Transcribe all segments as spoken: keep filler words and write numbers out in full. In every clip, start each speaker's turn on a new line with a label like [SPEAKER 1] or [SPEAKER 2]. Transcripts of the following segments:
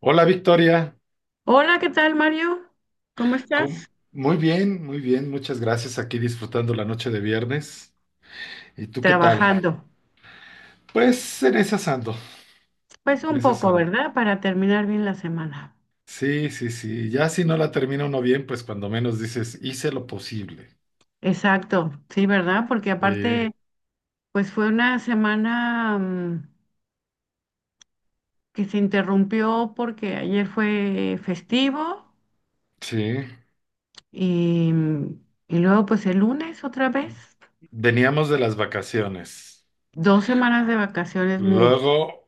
[SPEAKER 1] Hola, Victoria.
[SPEAKER 2] Hola, ¿qué tal, Mario? ¿Cómo
[SPEAKER 1] ¿Cómo-
[SPEAKER 2] estás?
[SPEAKER 1] muy bien, muy bien, muchas gracias, aquí disfrutando la noche de viernes. ¿Y tú qué tal?
[SPEAKER 2] Trabajando.
[SPEAKER 1] Pues en esas ando,
[SPEAKER 2] Pues
[SPEAKER 1] en
[SPEAKER 2] un
[SPEAKER 1] esas
[SPEAKER 2] poco,
[SPEAKER 1] ando.
[SPEAKER 2] ¿verdad? Para terminar bien la semana.
[SPEAKER 1] Sí, sí, sí, ya si no la termina uno bien, pues cuando menos dices, hice lo posible.
[SPEAKER 2] Exacto, sí, ¿verdad? Porque
[SPEAKER 1] Sí,
[SPEAKER 2] aparte, pues fue una semana mm, que se interrumpió porque ayer fue festivo
[SPEAKER 1] sí,
[SPEAKER 2] y, mm, y luego pues el lunes otra vez.
[SPEAKER 1] veníamos de las vacaciones,
[SPEAKER 2] Dos semanas de vacaciones, mucho
[SPEAKER 1] luego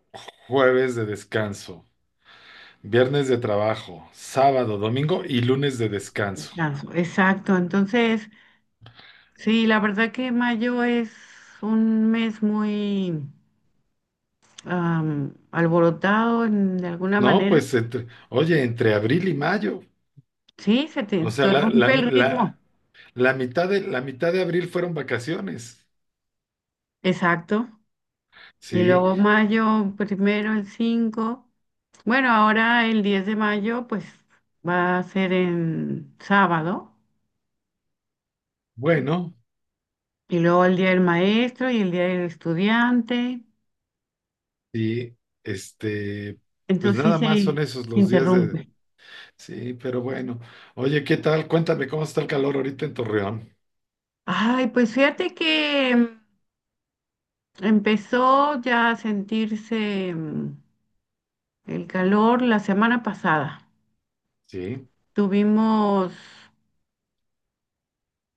[SPEAKER 1] jueves de descanso, viernes de trabajo, sábado, domingo y lunes de descanso.
[SPEAKER 2] descanso. Exacto, entonces, sí, la verdad que mayo es un mes muy am, alborotado en- de alguna
[SPEAKER 1] No,
[SPEAKER 2] manera.
[SPEAKER 1] pues entre- oye, entre abril y mayo,
[SPEAKER 2] Sí, se te
[SPEAKER 1] o sea, la, la,
[SPEAKER 2] interrumpe el
[SPEAKER 1] la-
[SPEAKER 2] ritmo.
[SPEAKER 1] La mitad de, la mitad de abril fueron vacaciones.
[SPEAKER 2] Exacto. Y
[SPEAKER 1] Sí,
[SPEAKER 2] luego mayo primero, el cinco. Bueno, ahora el diez de mayo, pues va a ser en sábado.
[SPEAKER 1] bueno,
[SPEAKER 2] Y luego el día del maestro y el día del estudiante.
[SPEAKER 1] y este, pues
[SPEAKER 2] Entonces sí
[SPEAKER 1] nada más son
[SPEAKER 2] se,
[SPEAKER 1] esos
[SPEAKER 2] se
[SPEAKER 1] los días de.
[SPEAKER 2] interrumpe.
[SPEAKER 1] Sí, pero bueno. Oye, ¿qué tal? Cuéntame cómo está el calor ahorita en Torreón.
[SPEAKER 2] Ay, pues fíjate que mm, empezó ya a sentirse mm, el calor la semana pasada.
[SPEAKER 1] Sí,
[SPEAKER 2] Tuvimos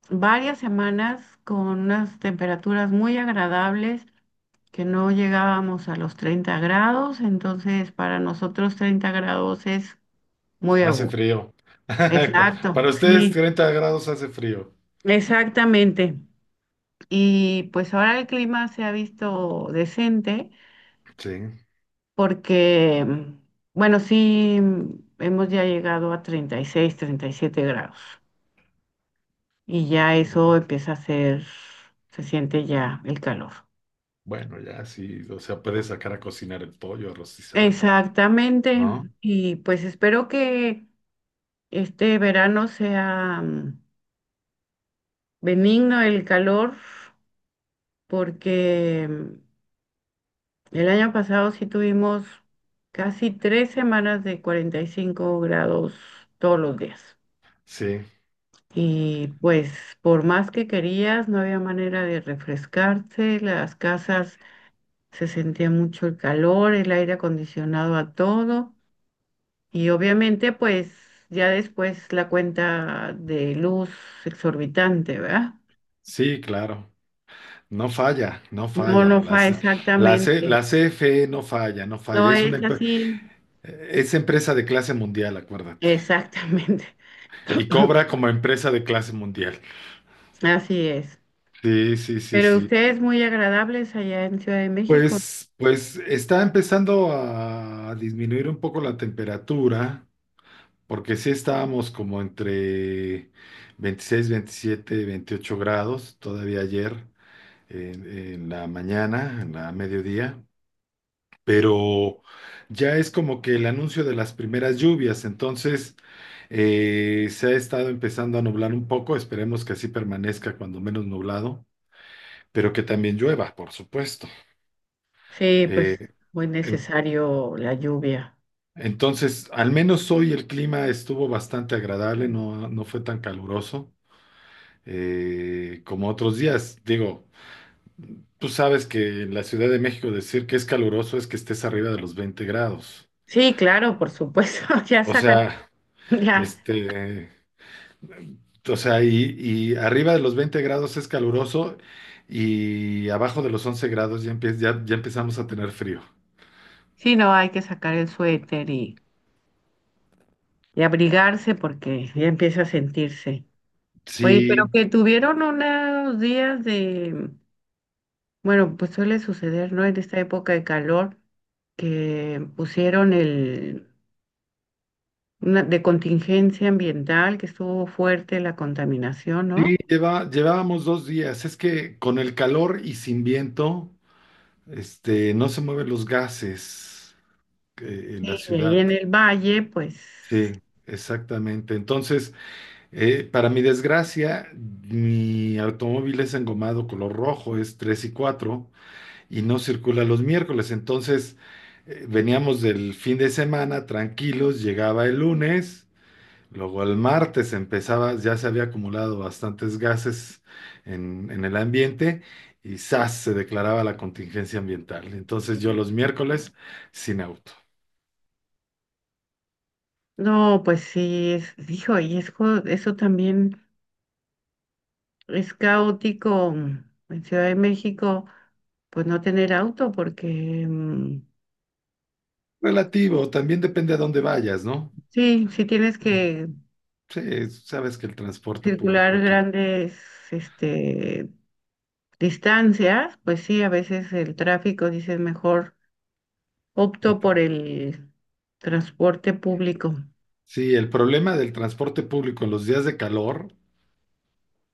[SPEAKER 2] varias semanas con unas temperaturas muy agradables, que no llegábamos a los treinta grados, entonces para nosotros treinta grados es muy a
[SPEAKER 1] hace
[SPEAKER 2] gusto.
[SPEAKER 1] frío. Cu-
[SPEAKER 2] Exacto,
[SPEAKER 1] Para ustedes
[SPEAKER 2] sí,
[SPEAKER 1] treinta grados hace frío.
[SPEAKER 2] exactamente. Y pues ahora el clima se ha visto decente
[SPEAKER 1] Sí.
[SPEAKER 2] porque, mm, bueno, sí, hemos ya llegado a treinta treinta y seis, treinta y siete grados y ya
[SPEAKER 1] Muy
[SPEAKER 2] eso
[SPEAKER 1] bien.
[SPEAKER 2] empieza a ser, se siente ya el calor.
[SPEAKER 1] Bueno, ya sí, o sea, puedes sacar a cocinar el pollo, a rostizarlo,
[SPEAKER 2] Exactamente.
[SPEAKER 1] ¿no?
[SPEAKER 2] Y pues espero que este verano sea mm, benigno el calor, porque mm, el año pasado sí tuvimos casi tres semanas de cuarenta y cinco grados todos los días.
[SPEAKER 1] Sí,
[SPEAKER 2] Y pues por más que querías, no había manera de refrescarse, las casas se sentía mucho el calor, el aire acondicionado a todo. Y obviamente, pues ya después la cuenta de luz exorbitante, ¿verdad?
[SPEAKER 1] sí, claro. No falla, no
[SPEAKER 2] No,
[SPEAKER 1] falla.
[SPEAKER 2] no fue
[SPEAKER 1] Las- La, C- la, C-
[SPEAKER 2] exactamente.
[SPEAKER 1] la C F E no falla, no
[SPEAKER 2] No
[SPEAKER 1] falla. Es una
[SPEAKER 2] es
[SPEAKER 1] empe-
[SPEAKER 2] así.
[SPEAKER 1] es empresa de clase mundial, acuérdate.
[SPEAKER 2] Exactamente.
[SPEAKER 1] Y cobra como empresa de clase mundial.
[SPEAKER 2] Así es.
[SPEAKER 1] Sí, sí, sí,
[SPEAKER 2] Pero
[SPEAKER 1] sí.
[SPEAKER 2] ustedes muy agradables allá en Ciudad de México.
[SPEAKER 1] Pues, pues está empezando a disminuir un poco la temperatura, porque sí estábamos como entre veintiséis, veintisiete, veintiocho grados todavía ayer en, en la mañana, en la mediodía. Pero ya es como que el anuncio de las primeras lluvias, entonces eh, se ha estado empezando a nublar un poco, esperemos que así permanezca cuando menos nublado, pero que también llueva, por supuesto.
[SPEAKER 2] Sí, pues
[SPEAKER 1] Eh,
[SPEAKER 2] muy
[SPEAKER 1] en-
[SPEAKER 2] necesario la lluvia.
[SPEAKER 1] entonces, al menos hoy el clima estuvo bastante agradable, no, no fue tan caluroso eh, como otros días. Digo, tú sabes que en la Ciudad de México decir que es caluroso es que estés arriba de los veinte grados.
[SPEAKER 2] Sí, claro, por supuesto. Ya
[SPEAKER 1] O
[SPEAKER 2] sacan,
[SPEAKER 1] sea,
[SPEAKER 2] ya.
[SPEAKER 1] este, O sea, y, y arriba de los veinte grados es caluroso y abajo de los once grados ya, empie- ya, ya empezamos a tener frío.
[SPEAKER 2] Sí, no, hay que sacar el suéter y, y abrigarse porque ya empieza a sentirse. Oye, pero
[SPEAKER 1] Sí,
[SPEAKER 2] que tuvieron unos días de, bueno, pues suele suceder, ¿no? En esta época de calor, que pusieron el, una- de contingencia ambiental, que estuvo fuerte la contaminación,
[SPEAKER 1] sí,
[SPEAKER 2] ¿no?
[SPEAKER 1] lleva, llevábamos dos días. Es que con el calor y sin viento, este, no se mueven los gases eh, en la
[SPEAKER 2] Sí, y ahí
[SPEAKER 1] ciudad.
[SPEAKER 2] en el valle, pues,
[SPEAKER 1] Sí, exactamente. Entonces, eh, para mi desgracia, mi automóvil es engomado color rojo, es tres y cuatro, y no circula los miércoles. Entonces, eh, veníamos del fin de semana tranquilos, llegaba el lunes, luego el martes empezaba, ya se había acumulado bastantes gases en, en el ambiente y ¡zas!, se declaraba la contingencia ambiental. Entonces, yo los miércoles sin auto.
[SPEAKER 2] no, pues sí, es, hijo, y es, jo- eso también es caótico en Ciudad de México, pues no tener auto, porque mm,
[SPEAKER 1] Relativo, también depende a dónde vayas, ¿no?
[SPEAKER 2] sí, sí tienes
[SPEAKER 1] Eh,
[SPEAKER 2] que
[SPEAKER 1] Sí, sabes que el transporte público
[SPEAKER 2] circular
[SPEAKER 1] aquí.
[SPEAKER 2] grandes, este, distancias, pues sí, a veces el tráfico, dices, mejor opto
[SPEAKER 1] ent-
[SPEAKER 2] por el transporte público.
[SPEAKER 1] Sí, el problema del transporte público en los días de calor,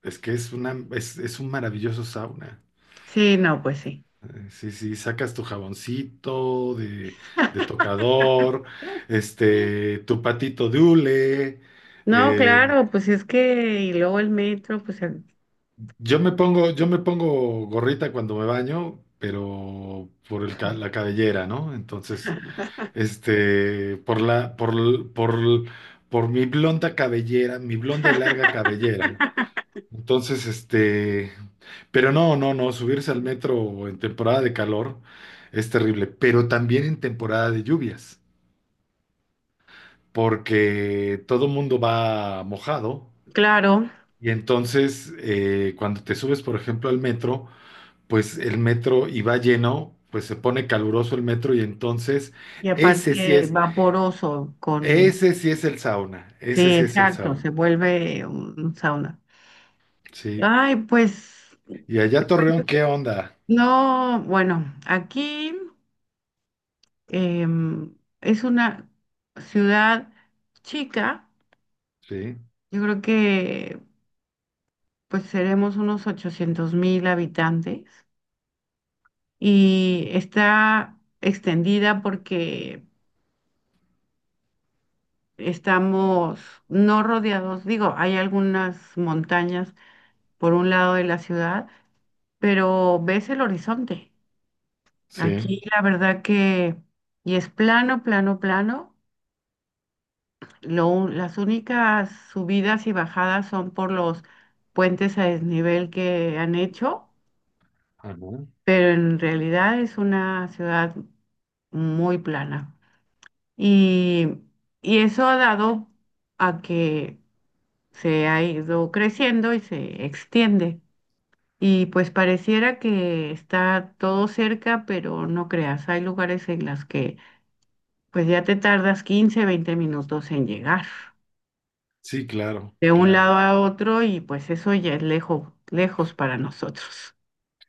[SPEAKER 1] es que es una, es, es un maravilloso sauna.
[SPEAKER 2] Sí, no, pues sí.
[SPEAKER 1] Eh, Sí, sí, sacas tu jaboncito de, de tocador, este, tu patito de hule.
[SPEAKER 2] No,
[SPEAKER 1] eh,
[SPEAKER 2] claro, pues es que, y luego el metro, pues el-
[SPEAKER 1] yo me pongo, yo me pongo gorrita cuando me baño, pero por el, ca- la cabellera, ¿no? Entonces, este, por la, por, l- por, l- por mi blonda cabellera, mi blonda y larga cabellera. Entonces, este, pero no, no, no, subirse al metro en temporada de calor es terrible, pero también en temporada de lluvias, porque todo mundo va mojado,
[SPEAKER 2] claro,
[SPEAKER 1] y entonces eh, cuando te subes, por ejemplo, al metro, pues el metro y va lleno, pues se pone caluroso el metro, y entonces
[SPEAKER 2] y
[SPEAKER 1] ese sí
[SPEAKER 2] aparte
[SPEAKER 1] es,
[SPEAKER 2] vaporoso con,
[SPEAKER 1] ese sí es el sauna, ese
[SPEAKER 2] sí,
[SPEAKER 1] sí es el
[SPEAKER 2] exacto,
[SPEAKER 1] sauna,
[SPEAKER 2] se vuelve un sauna.
[SPEAKER 1] sí.
[SPEAKER 2] Ay, pues,
[SPEAKER 1] Y allá Torreón, ¿qué onda?
[SPEAKER 2] no, bueno, aquí. Em, es una ciudad chica,
[SPEAKER 1] Sí,
[SPEAKER 2] yo creo que pues seremos unos ochocientos mil habitantes y está extendida porque estamos no rodeados, digo, hay algunas montañas por un lado de la ciudad, pero ves el horizonte.
[SPEAKER 1] sí.
[SPEAKER 2] Aquí la verdad que, y es plano, plano, plano. Lo un- las únicas subidas y bajadas son por los puentes a desnivel que han hecho,
[SPEAKER 1] Ajá.
[SPEAKER 2] pero en realidad es una ciudad muy plana. Y, y eso ha dado a que se ha ido creciendo y se extiende. Y pues pareciera que está todo cerca, pero no creas, hay lugares en las que pues ya te tardas quince, veinte minutos en llegar,
[SPEAKER 1] Sí, claro,
[SPEAKER 2] de un lado
[SPEAKER 1] claro.
[SPEAKER 2] a otro y pues eso ya es lejos, lejos para nosotros.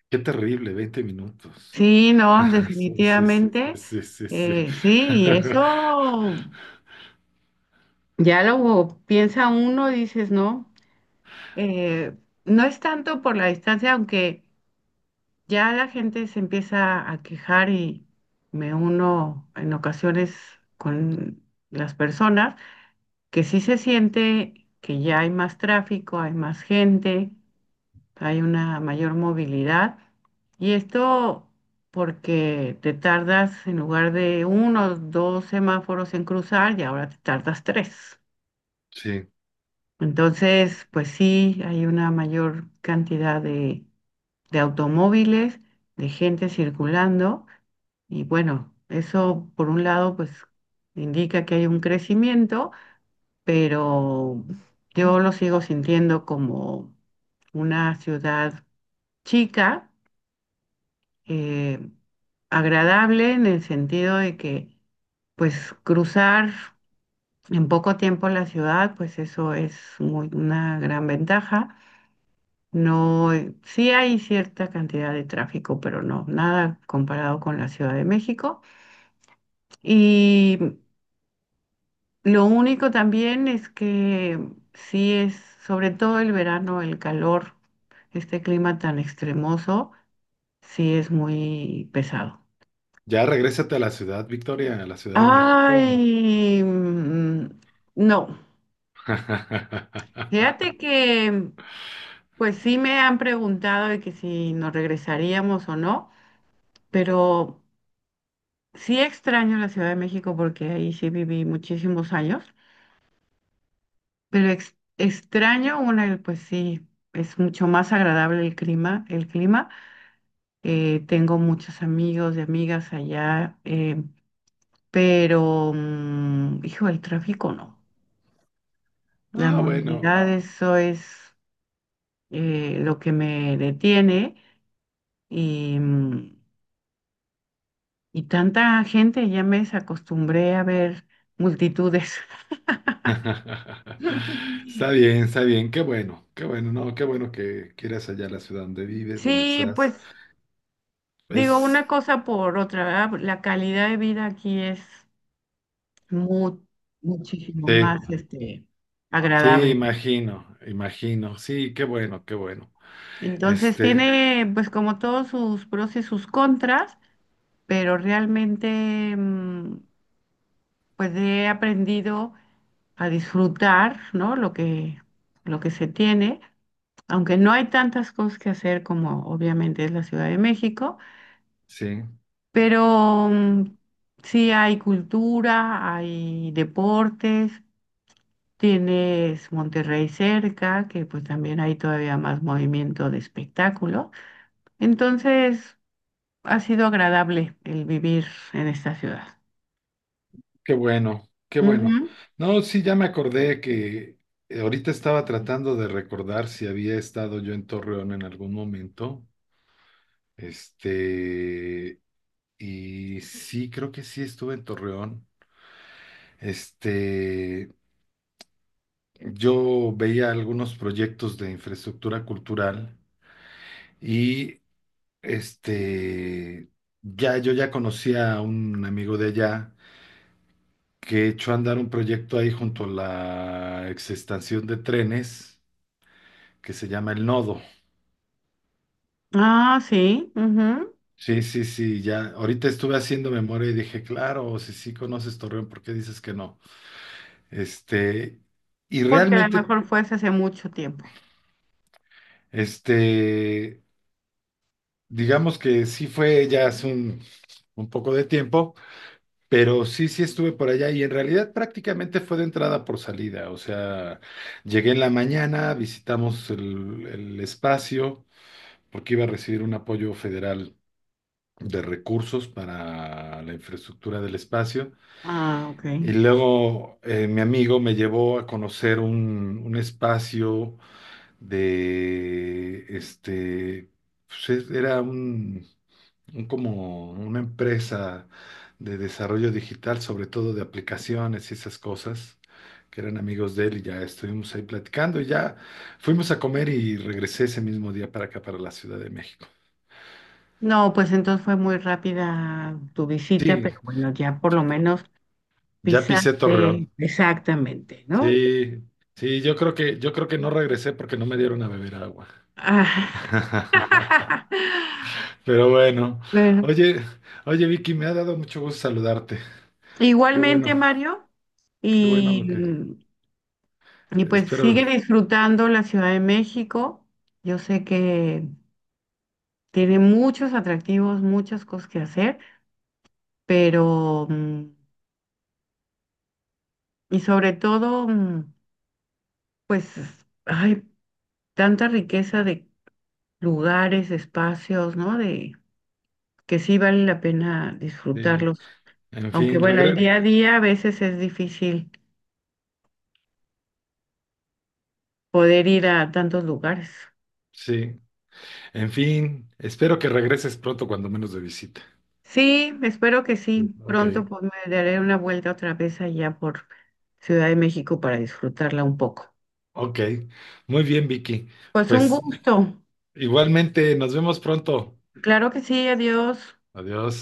[SPEAKER 1] Qué terrible, veinte minutos.
[SPEAKER 2] Sí, no,
[SPEAKER 1] Sí, sí, sí,
[SPEAKER 2] definitivamente,
[SPEAKER 1] sí, sí, sí. Sí.
[SPEAKER 2] eh, sí, y eso ya lo piensa uno, dices, no, eh, no es tanto por la distancia, aunque ya la gente se empieza a quejar y me uno en ocasiones con las personas, que sí se siente que ya hay más tráfico, hay más gente, hay una mayor movilidad. Y esto porque te tardas en lugar de uno, o dos semáforos en cruzar y ahora te tardas tres.
[SPEAKER 1] Sí.
[SPEAKER 2] Entonces, pues sí, hay una mayor cantidad de, de automóviles, de gente circulando y bueno, eso por un lado pues indica que hay un crecimiento, pero yo lo sigo sintiendo como una ciudad chica, eh, agradable en el sentido de que, pues, cruzar en poco tiempo la ciudad, pues eso es muy, una gran ventaja. No, eh, sí hay cierta cantidad de tráfico, pero no, nada comparado con la Ciudad de México. Y lo único también es que sí es, sobre todo el verano, el calor, este clima tan extremoso, sí es muy pesado.
[SPEAKER 1] Ya regrésate a la ciudad, Victoria, a la Ciudad de México.
[SPEAKER 2] Ay, mm, no. Fíjate que, pues sí me han preguntado de que si nos regresaríamos o no, pero sí extraño la Ciudad de México porque ahí sí viví muchísimos años, pero ex- extraño una, pues sí, es mucho más agradable el clima, el clima. Eh, tengo muchos amigos y amigas allá, eh, pero, mm, hijo, el tráfico no. La
[SPEAKER 1] Ah, bueno.
[SPEAKER 2] movilidad, eso es eh, lo que me detiene y, mm, y tanta gente, ya me acostumbré a ver multitudes.
[SPEAKER 1] Está bien, está bien. Qué bueno, qué bueno, no, qué bueno que quieras allá la ciudad donde vives, donde
[SPEAKER 2] Sí,
[SPEAKER 1] estás.
[SPEAKER 2] pues digo una
[SPEAKER 1] Es,
[SPEAKER 2] cosa por otra, ¿verdad? Pues, la calidad de vida aquí es mu- muchísimo
[SPEAKER 1] sí,
[SPEAKER 2] más, este,
[SPEAKER 1] sí,
[SPEAKER 2] agradable.
[SPEAKER 1] imagino, imagino. Sí, qué bueno, qué bueno.
[SPEAKER 2] Entonces
[SPEAKER 1] Este,
[SPEAKER 2] tiene pues como todos sus pros y sus contras, pero realmente mm, pues he aprendido a disfrutar, ¿no? Lo que, lo que se tiene, aunque no hay tantas cosas que hacer como obviamente es la Ciudad de México,
[SPEAKER 1] sí.
[SPEAKER 2] pero mm, sí hay cultura, hay deportes, tienes Monterrey cerca, que pues también hay todavía más movimiento de espectáculo. Entonces, ha sido agradable el vivir en esta ciudad.
[SPEAKER 1] Qué bueno, qué bueno.
[SPEAKER 2] Ujú.
[SPEAKER 1] No, sí, ya me acordé que eh, ahorita estaba tratando de recordar si había estado yo en Torreón en algún momento. Este, y sí, creo que sí estuve en Torreón. Este, yo veía algunos proyectos de infraestructura cultural y este, ya yo ya conocía a un amigo de allá que echó a andar un proyecto ahí junto a la exestación de trenes que se llama El Nodo.
[SPEAKER 2] Ah, sí, ujú,
[SPEAKER 1] Sí, sí, sí, ya. Ahorita estuve haciendo memoria y dije, claro, si sí conoces Torreón, ¿por qué dices que no? Este, y
[SPEAKER 2] porque a lo
[SPEAKER 1] realmente,
[SPEAKER 2] mejor fue hace mucho tiempo.
[SPEAKER 1] este, digamos que sí fue ya hace un, un poco de tiempo, pero sí, sí estuve por allá y en realidad prácticamente fue de entrada por salida. O sea, llegué en la mañana, visitamos el, el espacio porque iba a recibir un apoyo federal de recursos para la infraestructura del espacio.
[SPEAKER 2] Ah, ok.
[SPEAKER 1] Y luego eh, mi amigo me llevó a conocer un, un espacio de, este, pues, es- era un, un como una empresa de desarrollo digital, sobre todo de aplicaciones y esas cosas, que eran amigos de él, y ya estuvimos ahí platicando y ya fuimos a comer y regresé ese mismo día para acá, para la Ciudad de México.
[SPEAKER 2] No, pues entonces fue muy rápida tu visita,
[SPEAKER 1] Sí,
[SPEAKER 2] pero bueno, ya por lo menos
[SPEAKER 1] ya pisé Torreón.
[SPEAKER 2] pisaste exactamente, ¿no?
[SPEAKER 1] Sí, sí, yo creo que, yo creo que no regresé porque no me dieron a beber agua.
[SPEAKER 2] Ah.
[SPEAKER 1] Pero bueno,
[SPEAKER 2] Bueno,
[SPEAKER 1] oye, oye Vicky, me ha dado mucho gusto saludarte. Qué bueno,
[SPEAKER 2] igualmente, Mario,
[SPEAKER 1] qué bueno
[SPEAKER 2] y,
[SPEAKER 1] lo que
[SPEAKER 2] y pues sigue
[SPEAKER 1] espero.
[SPEAKER 2] disfrutando la Ciudad de México. Yo sé que tiene muchos atractivos, muchas cosas que hacer, pero, mm, y sobre todo, mm, pues hay tanta riqueza de lugares, espacios, ¿no? De que sí vale la pena
[SPEAKER 1] Sí,
[SPEAKER 2] disfrutarlos.
[SPEAKER 1] en
[SPEAKER 2] Aunque
[SPEAKER 1] fin,
[SPEAKER 2] bueno, el
[SPEAKER 1] regre
[SPEAKER 2] día a día a veces es difícil poder ir a tantos lugares.
[SPEAKER 1] sí, en fin, espero que regreses pronto cuando menos de visita.
[SPEAKER 2] Sí, espero que sí.
[SPEAKER 1] Sí. Ok,
[SPEAKER 2] Pronto pues me daré una vuelta otra vez allá por Ciudad de México para disfrutarla un poco.
[SPEAKER 1] ok. Muy bien, Vicky.
[SPEAKER 2] Pues un
[SPEAKER 1] Pues
[SPEAKER 2] gusto.
[SPEAKER 1] igualmente, nos vemos pronto.
[SPEAKER 2] Claro que sí, adiós.
[SPEAKER 1] Adiós.